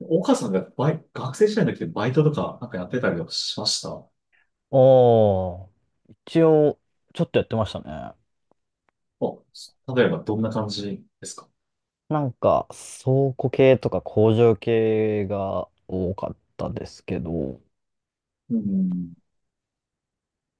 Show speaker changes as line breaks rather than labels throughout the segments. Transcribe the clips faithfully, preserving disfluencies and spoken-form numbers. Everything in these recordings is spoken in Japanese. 岡さんがバイ、学生時代の時ってバイトとかなんかやってたりとかしました？
おー、一応、ちょっとやってましたね。
あ、例えばどんな感じですか？
なんか、倉庫系とか工場系が多かったですけど、
うん。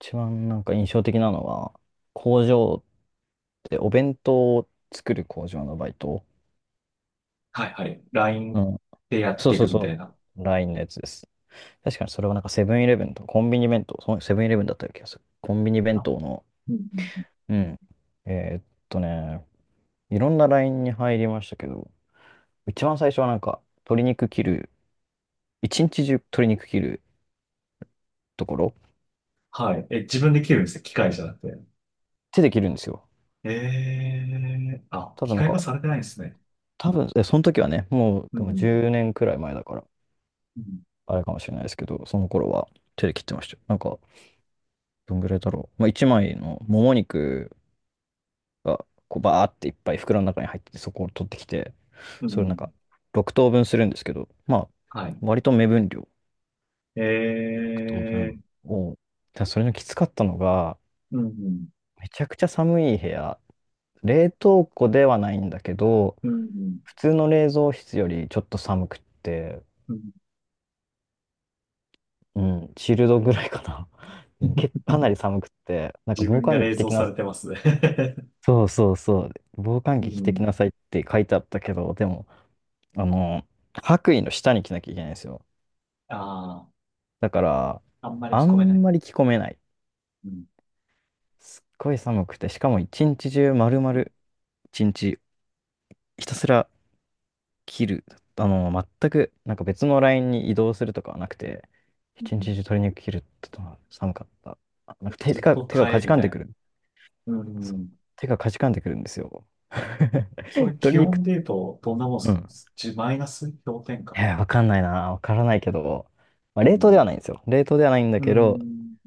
一番なんか印象的なのは、工場ってお弁当を作る工場のバイト。
はいはい。
う
ライン
ん。
でやっ
そう
てい
そう
くみた
そ
いな。
う。ラインのやつです。確かにそれはなんかセブンイレブンとかコンビニ弁当、そうセブンイレブンだったような気がする。コンビニ弁
あ、
当の、
うんうん。
うん。えーっとね、いろんなラインに入りましたけど、一番最初はなんか、鶏肉切る一日中鶏肉切るところ、
はい。え、自分で切るんですね。機械じゃなく
手で切るんですよ。
て。えー、あ、
多
機
分なん
械化
か、
されてないんですね。
多分、え、その時はね、もう
う
でも
ん。
じゅうねんくらい前だから、
うん。
あれかもしれないですけど、その頃は手で切ってましたよ。なんか、どんぐらいだろう。まあ、いちまいのもも肉が、こう、バーっていっぱい袋の中に入ってて、そこを取ってきて、
う
それなん
ん。
か、ろく等分するんですけど、まあ、
はい。
割と目分量。ろく
え
等
ー、
分を。ただそれのきつかったのが、
うん。
めちゃくちゃ寒い部屋、冷凍庫ではないんだけど、
うんうん
普通の冷蔵室よりちょっと寒くって、
うん。
うん、チルドぐらいかな。うんけ、かなり寒くって、な んか
自
防
分が
寒着着
冷
て
蔵
きな
さ
さ
れて
い。
ますね。
そうそうそう。防 寒
う
着着てき
ん。
なさいって書いてあったけど、でも、あの、白衣の下に着なきゃいけないんですよ。
あ
だから、
あ、あんまり
あ
聞こえな
ん
い。
まり着込めない。
うん
すっごい寒くて、しかも一日中丸々、一日ひたすら切る。あの、全く、なんか別のラインに移動するとかはなくて、
うん。
一日中鶏肉切るっての寒かった。あなんか手
ず
手
っ
が、
と
手が
耐
か
え
じ
み
かん
た
で
い
く
な。
る。
う
そう。
ん。
手がかじかんでくるんですよ。
それ気
鶏肉、
温で言うと、どんなもん
う
す
ん。
じマイナス氷点下？
えー、わかんないな。わからないけど、まあ、
う
冷凍では
ん。
ないんですよ。冷凍ではないんだ
う
けど、
ん。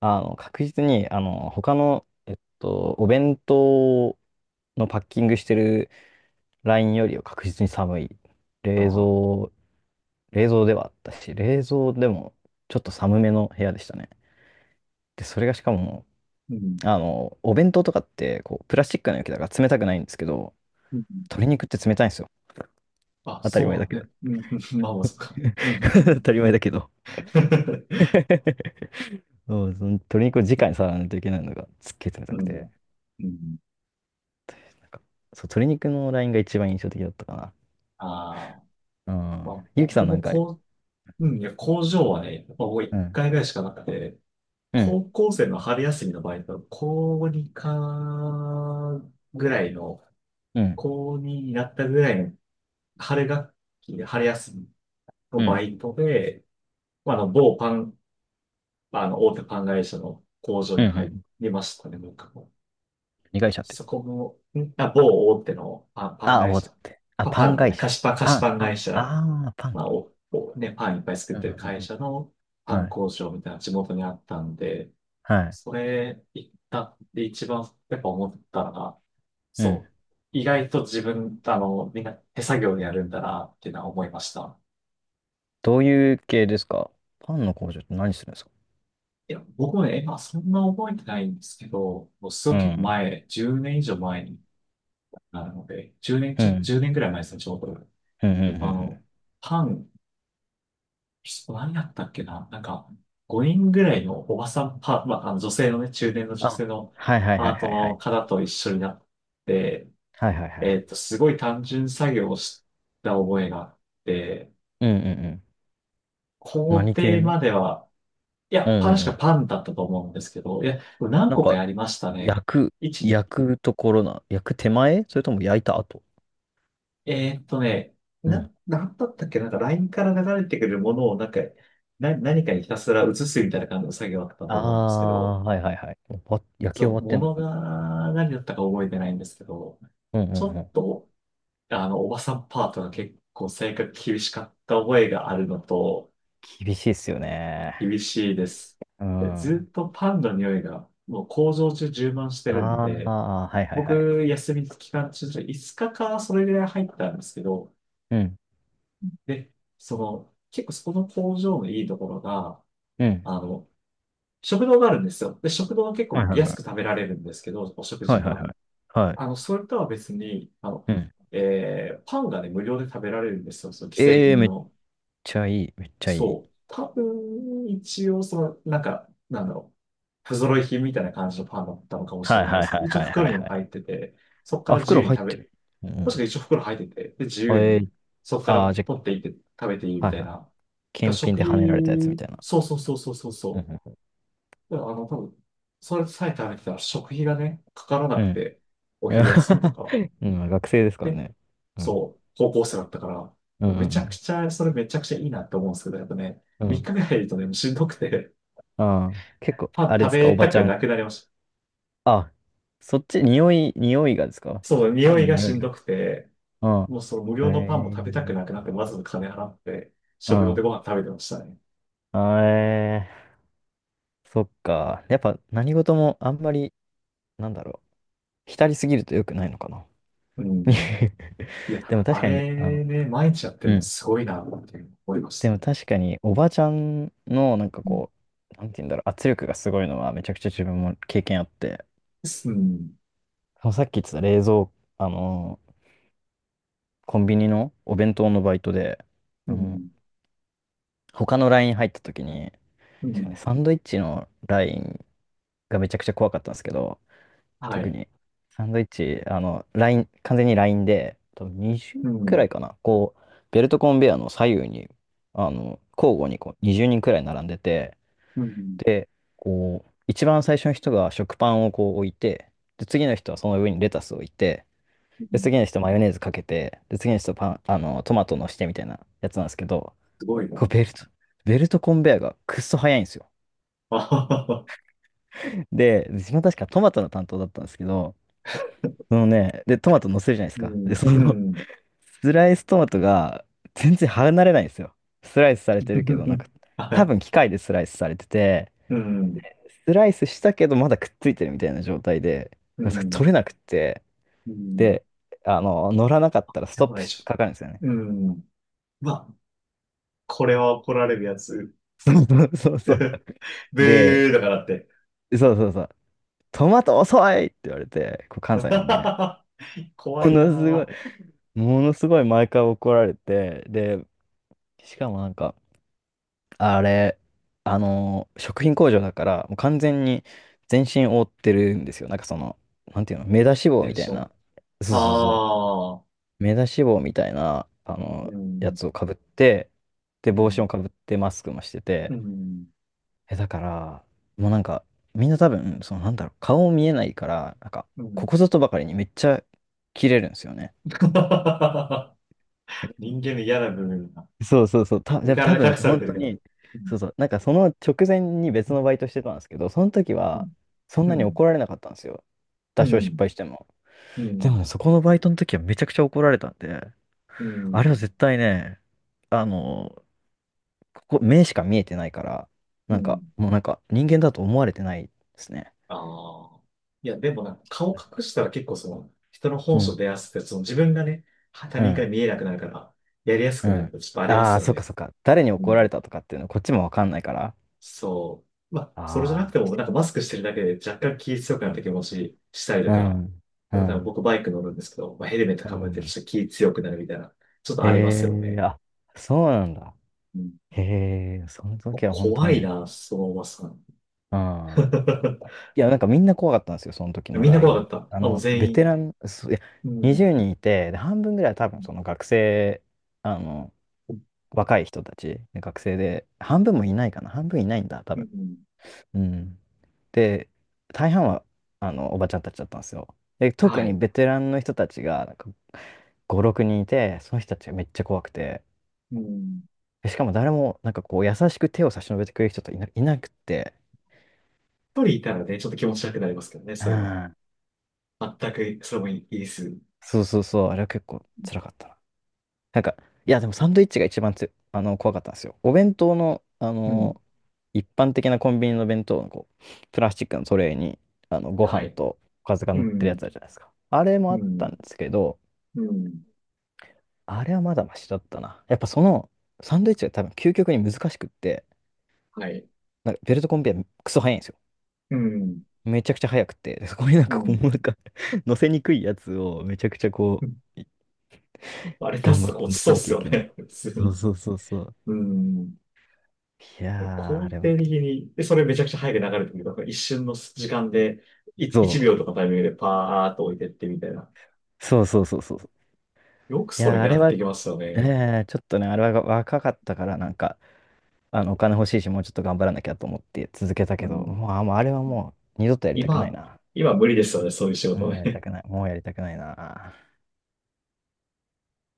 あの、確実に、あの、他の、えっと、お弁当のパッキングしてるラインよりは確実に寒い。
あ
冷
あ。
蔵冷蔵ではあったし、冷蔵でもちょっと寒めの部屋でしたね。で、それがしかも、
うん。
あの、お弁当とかって、こう、プラスチックの容器だから冷たくないんですけど、
うん。
鶏肉って冷たいんですよ。
あ、
当たり前
そ
だ
う
け
なん
ど。
ね。うん。うん、まあまあ、そっか。う
当
ん。
たり前だけど。そう、その鶏肉を直に触らないといけないのがすっげえ冷た
う
く
ん。
て、
うん。
なんか、そう、鶏肉のラインが一番印象的だったか
ああ。
な。う
ま
ん。
あ、
ゆうきさ
僕
んな
も
んか、
こう、うん、いや、工場はね、まあ、もう
う
一
ん。
回ぐらいしかなくて、
うん。
高校生の春休みの場合ト、高にかぐらいの、
うん。
高にになったぐらいの春学期で、春休みの
うん。
バイトで、まあ、あの、某パン、あの、大手パン会社の工場
うん。
に
う
入
ん、
りましたね、僕も。
二会社って。
そこも、んあ、某大手のパン、パン
ああ、
会
覚
社。
えって。あ、
パ、
パ
パ
ン
ンの
会
ね、菓
社。
子パン、菓子
パン、
パン
パ
会
ン。
社。
ああ、パン。
まあ、お、お、ね、パンいっぱい作っ
うんう
てる
ん
会
う
社の
ん。
パン
はい。
工場みたいな地元にあったんで、
はい。
それ行ったって一番やっぱ思ったのが、
うん。
そう、意外と自分、あの、みんな手作業でやるんだなっていうのは思いました。
どういう系ですか？パンの工場って何するんですか？
いや、僕もね、今そんな覚えてないんですけど、もうすご
う
い結構
ん。
前、じゅうねん以上前になるので、10年、
う
ちょ、
ん。
いちねんぐらい前ですね、ちょうど。
うん。うん。うん
あ
うん、
の、パン、何やったっけな、なんか、ごにんぐらいのおばさんパー、まあ、あの女性のね、中年の女
あ、
性の
はいはいは
パ
い
ー
は
ト
いは
の
い。
方と一緒になって、
はいはいは
え
い。
っと、すごい単純作業をした覚えがあって、
うんうんうん。
工
何系
程
の？
までは、い
う
や、
んうん
確
う
か
ん。
パンだったと思うんですけど、いや、何
なん
個か
か、
やりましたね。
焼く、
いち
焼くところな、焼く手前それとも焼いた後？
えーっとね、
うん。
な、なんだったっけなんか ライン から流れてくるものをなんか、な、何かにひたすら移すみたいな感じの作業だった
あ
と思うんですけど、
あ、はいはいはい。終わ焼き終
そう、
わって
も
んの
の
かな？
が何だったか覚えてないんですけど、
うんうん
ちょ
う
っ
ん。
と、あの、おばさんパートが結構性格厳しかった覚えがあるのと、
厳しいっすよね。
厳しいです。
うん。
でず
あ
っとパンの匂いが、もう工場中充満して
あ、
るんで、
はいはい
僕、
はい。
休み期間中、いつかかかそれぐらい入ったんですけど、
うん。
で、その、結構そこの工場のいいところが、
うん。
あの、食堂があるんですよ。で、食堂は結
は
構
いはい
安
はい。
く食べられるんですけど、お食
は
事
いはいは
が。
い。はい。
あの、それとは別に、あの、
うん。
えーパンがね、無料で食べられるんですよ。その既製
ええ、
品
めっ
の。
ちゃいい、めっちゃいい。
そう。多分、一応、その、なんか、なんだろう。不揃い品みたいな感じのパンだったのかもし
は
れ
い
ないで
はい
す。
はい
一応
はいは
袋
い
にも
はい。
入ってて、そこか
あ、
ら自
袋
由に
入っ
食べ、
てる。う
確か
ん。
一応袋入ってて、で、自
あ
由
えー。
に、そこから
あーじゃ
取っていって食べていい
あ、
み
はい
たい
はいはい。
な。だ
検品
食
で跳ねられたやつみ
費、
たいな。
そうそうそうそうそう
う
そ
ん
う。だからあの、多分、それさえ食べてたら食費がね、かからな
うん。う
く
ん。
て、お昼休みと か。
うん、学生ですから
で、
ね。うん。
そう、高校生だったか
うんう
ら、めちゃく
ん
ちゃ、それめちゃくちゃいいなって思うんですけど、やっぱね、
うん。う
3
ん。
日目入るとね、もうしんどくて、
ああ、結構、
パン
あれで
食
すか、
べ
おば
た
ち
く
ゃ
な
ん。
くなりました。
あ、そっち、匂い、匂いがですか？
そう、
パ
匂
ン
い
の
が
匂
し
い
んど
が。
くて、
うん。
もうその無
え
料のパンも食べたく
ー。
なくなって、わざわざ金払って、
う
食用で
ん。
ご飯食べてましたね。
あえー、そっか。やっぱ何事もあんまり、なんだろう、浸りすぎると良くないのかな。
うん。い
でも
や、
確
あ
かに、あの、
れね、毎日やって
う
るの
ん。
すごいな、っていう思いまし
で
た
も
ね。
確かに、おばちゃんの、なんかこ
ん。
う、なんて言うんだろう、圧力がすごいのは、めちゃくちゃ自分も経験あって、
うん。
そのさっき言ってた冷蔵、あの、コンビニのお弁当のバイトで、
う
あの、
ん。
他のライン入った時に、
う
確かに
ん。
サンドイッチのラインがめちゃくちゃ怖かったんですけど、
は
特
い。
に、サンドイッチ、あの、ライン、完全にラインで、多分にじゅう
う
くら
ん。
いかな。こう、ベルトコンベヤーの左右に、あの、交互にこうにじゅうにんくらい並んでて、
うん。
で、こう、一番最初の人が食パンをこう置いて、で、次の人はその上にレタスを置いて、
う
で、
ん。
次の人マヨネーズかけて、で、次の人パン、あの、トマトのしてみたいなやつなんですけど、
すごいな。
こうベルト、ベルトコンベヤーがくっそ早いんですよ。
あはは。は
で、自分は確かトマトの担当だったんですけど、そのね、で、トマト乗せるじゃないです
う
か。
ん。
で、そ
う
の、
ん。
スライストマトが全然離れないんですよ。スライスされてるけど、なんか
は
多
い。
分機械でスライスされてて、
うん。
スライスしたけどまだくっついてるみたいな状態で、
う
取れ
ん。
なくって、
うん。
で、あの、乗らなかったらス
や
トッ
ばい
プ
で
し
しょ。
かかるんですよね。
うん。まあ、これは怒られるやつ。
そうそうそう そう。
ブー
で、
だからって。
そうそうそう。トマト遅いって言われて、こう関西なんでね。
怖
も
い
のすごい、
な。
ものすごい毎回怒られて、で、しかもなんか、あれ、あのー食品工場だから、もう完全に全身覆ってるんですよ。なんかその、なんていうの、目出し帽
テ
み
ン
た
シ
い
ョン。
な、そうそうそう、
ああ。
目出し帽みたいな、あの
う
や
ん。
つをかぶって、で、
う
帽子
ん。
もかぶって、マスクもして
う
て、
ん。
え、だから、もうなんか、みんな多分、その、なんだろう、顔見えないから、なんか、
う
こ
ん。
こぞとばかりにめっちゃ切れるんですよね。
人間の嫌な部分が、
そうそうそう、た、じゃあ多
体
分
隠され
本
てる
当
から。
に、
う
そうそう、なんかその直前に別のバイトしてたんですけど、その時は
ん
そん
う
なに
ん。
怒られなかったんですよ。
う
多少失
ん。
敗しても。
う
でも
ん。
ね、そこのバイトの時はめちゃくちゃ怒られたんで、
う
あれは
ん。
絶対ね、あの、ここ、目しか見えてないから、
う
なんか、
ん。
もうなんか人間だと思われてないですね。
ああ。いや、でもなんか顔隠したら結構その、人の本
う
性
ん、
出やすくて、その自分がね、他
う
人から
ん、
見えなくなるから、やりやす
う
くなる
ん。
とちょっとありま
あ
す
あ、
よ
そっか
ね。
そっか。誰に
う
怒ら
ん。
れたとかっていうのこっちもわかんないから。
そう。まあ、それじゃな
あ
くても、なんかマスクしてるだけで若干気強くなった気持ちしたりと
あ、う
か、
ん、う
でもなんか
ん、
僕バイク乗るんですけど、まあ、ヘルメット
う
かぶってる
ん。
人気強くなるみたいな、ちょっと
へ
ありますよ
え、
ね。
あ、そうなんだ。へえ、その時は本当
怖い
ね、
な、そのおばさん。
うん。いや、なんかみんな怖かったんですよ、その時の
みんな怖
ライン。
かっ
あ
た。あ、もう
の、
全
ベテ
員。
ラン、そういや、
う
20
ん。
人いて、で、半分ぐらいは多分その学生、あの、若い人たち、学生で、半分もいないかな、半分いないんだ、多
う
分。
ん。
うん。で、大半は、あの、おばちゃんたちだったんですよ。で、特
は
に
い。
ベテランの人たちが、なんか、ご、ろくにんいて、その人たちがめっちゃ怖くて、
うん。
しかも誰も、なんかこう、優しく手を差し伸べてくれる人といな、いなくて、
一人いたらね、ちょっと気持ち悪くなりますけどね、
う
そういうの。
ん。
全く、それもいいです。
そうそうそう、あれは結構辛かったな。なんか、いや、でもサンドイッチが一番つ、あの、怖かったんですよ。お弁当の、あ
うん。
の、一般的なコンビニの弁当のこう、プラスチックのトレーに、あの、ご
は
飯
い。
とおかずが
う
乗ってるや
ん。
つあるじゃないですか。あれも
う
あったん
ん。
ですけど、
うん。
あれはまだマシだったな。やっぱその、サンドイッチが多分究極に難しくって、
はい。
なんかベルトコンベヤークソ早いんですよ。
うん。
めちゃくちゃ速くて、そこになん
う
かこう、
ん。
なんか 乗せにくいやつをめちゃくちゃこう、い
あれ出
頑
す
張っ
と
て
か落ち
乗
そ
せ
うっ
なき
す
ゃい
よ
けない。
ね、普通
そう
に。
そうそうそう。
うん。
いやー、あ
肯
れは、
定的に、で、それめちゃくちゃ早く流れてくる。だか一瞬の時間で、い
そ
いち、
う、
秒とかタイミングでパーっと置いてってみたいな。
そうそうそうそう。
よく
い
そ
や
れ
ー、あ
や
れ
っ
は、
てきますよね。
えー、ちょっとね、あれは若かったから、なんか、あの、お金欲しいし、もうちょっと頑張らなきゃと思って続けた
う
けど、
ん。
もう、あ、もうあれはもう、二度とやりたくない
今、
な。
今無理ですよね、そういう仕事
もうやりた
ね。
くない。もうやりたくないな。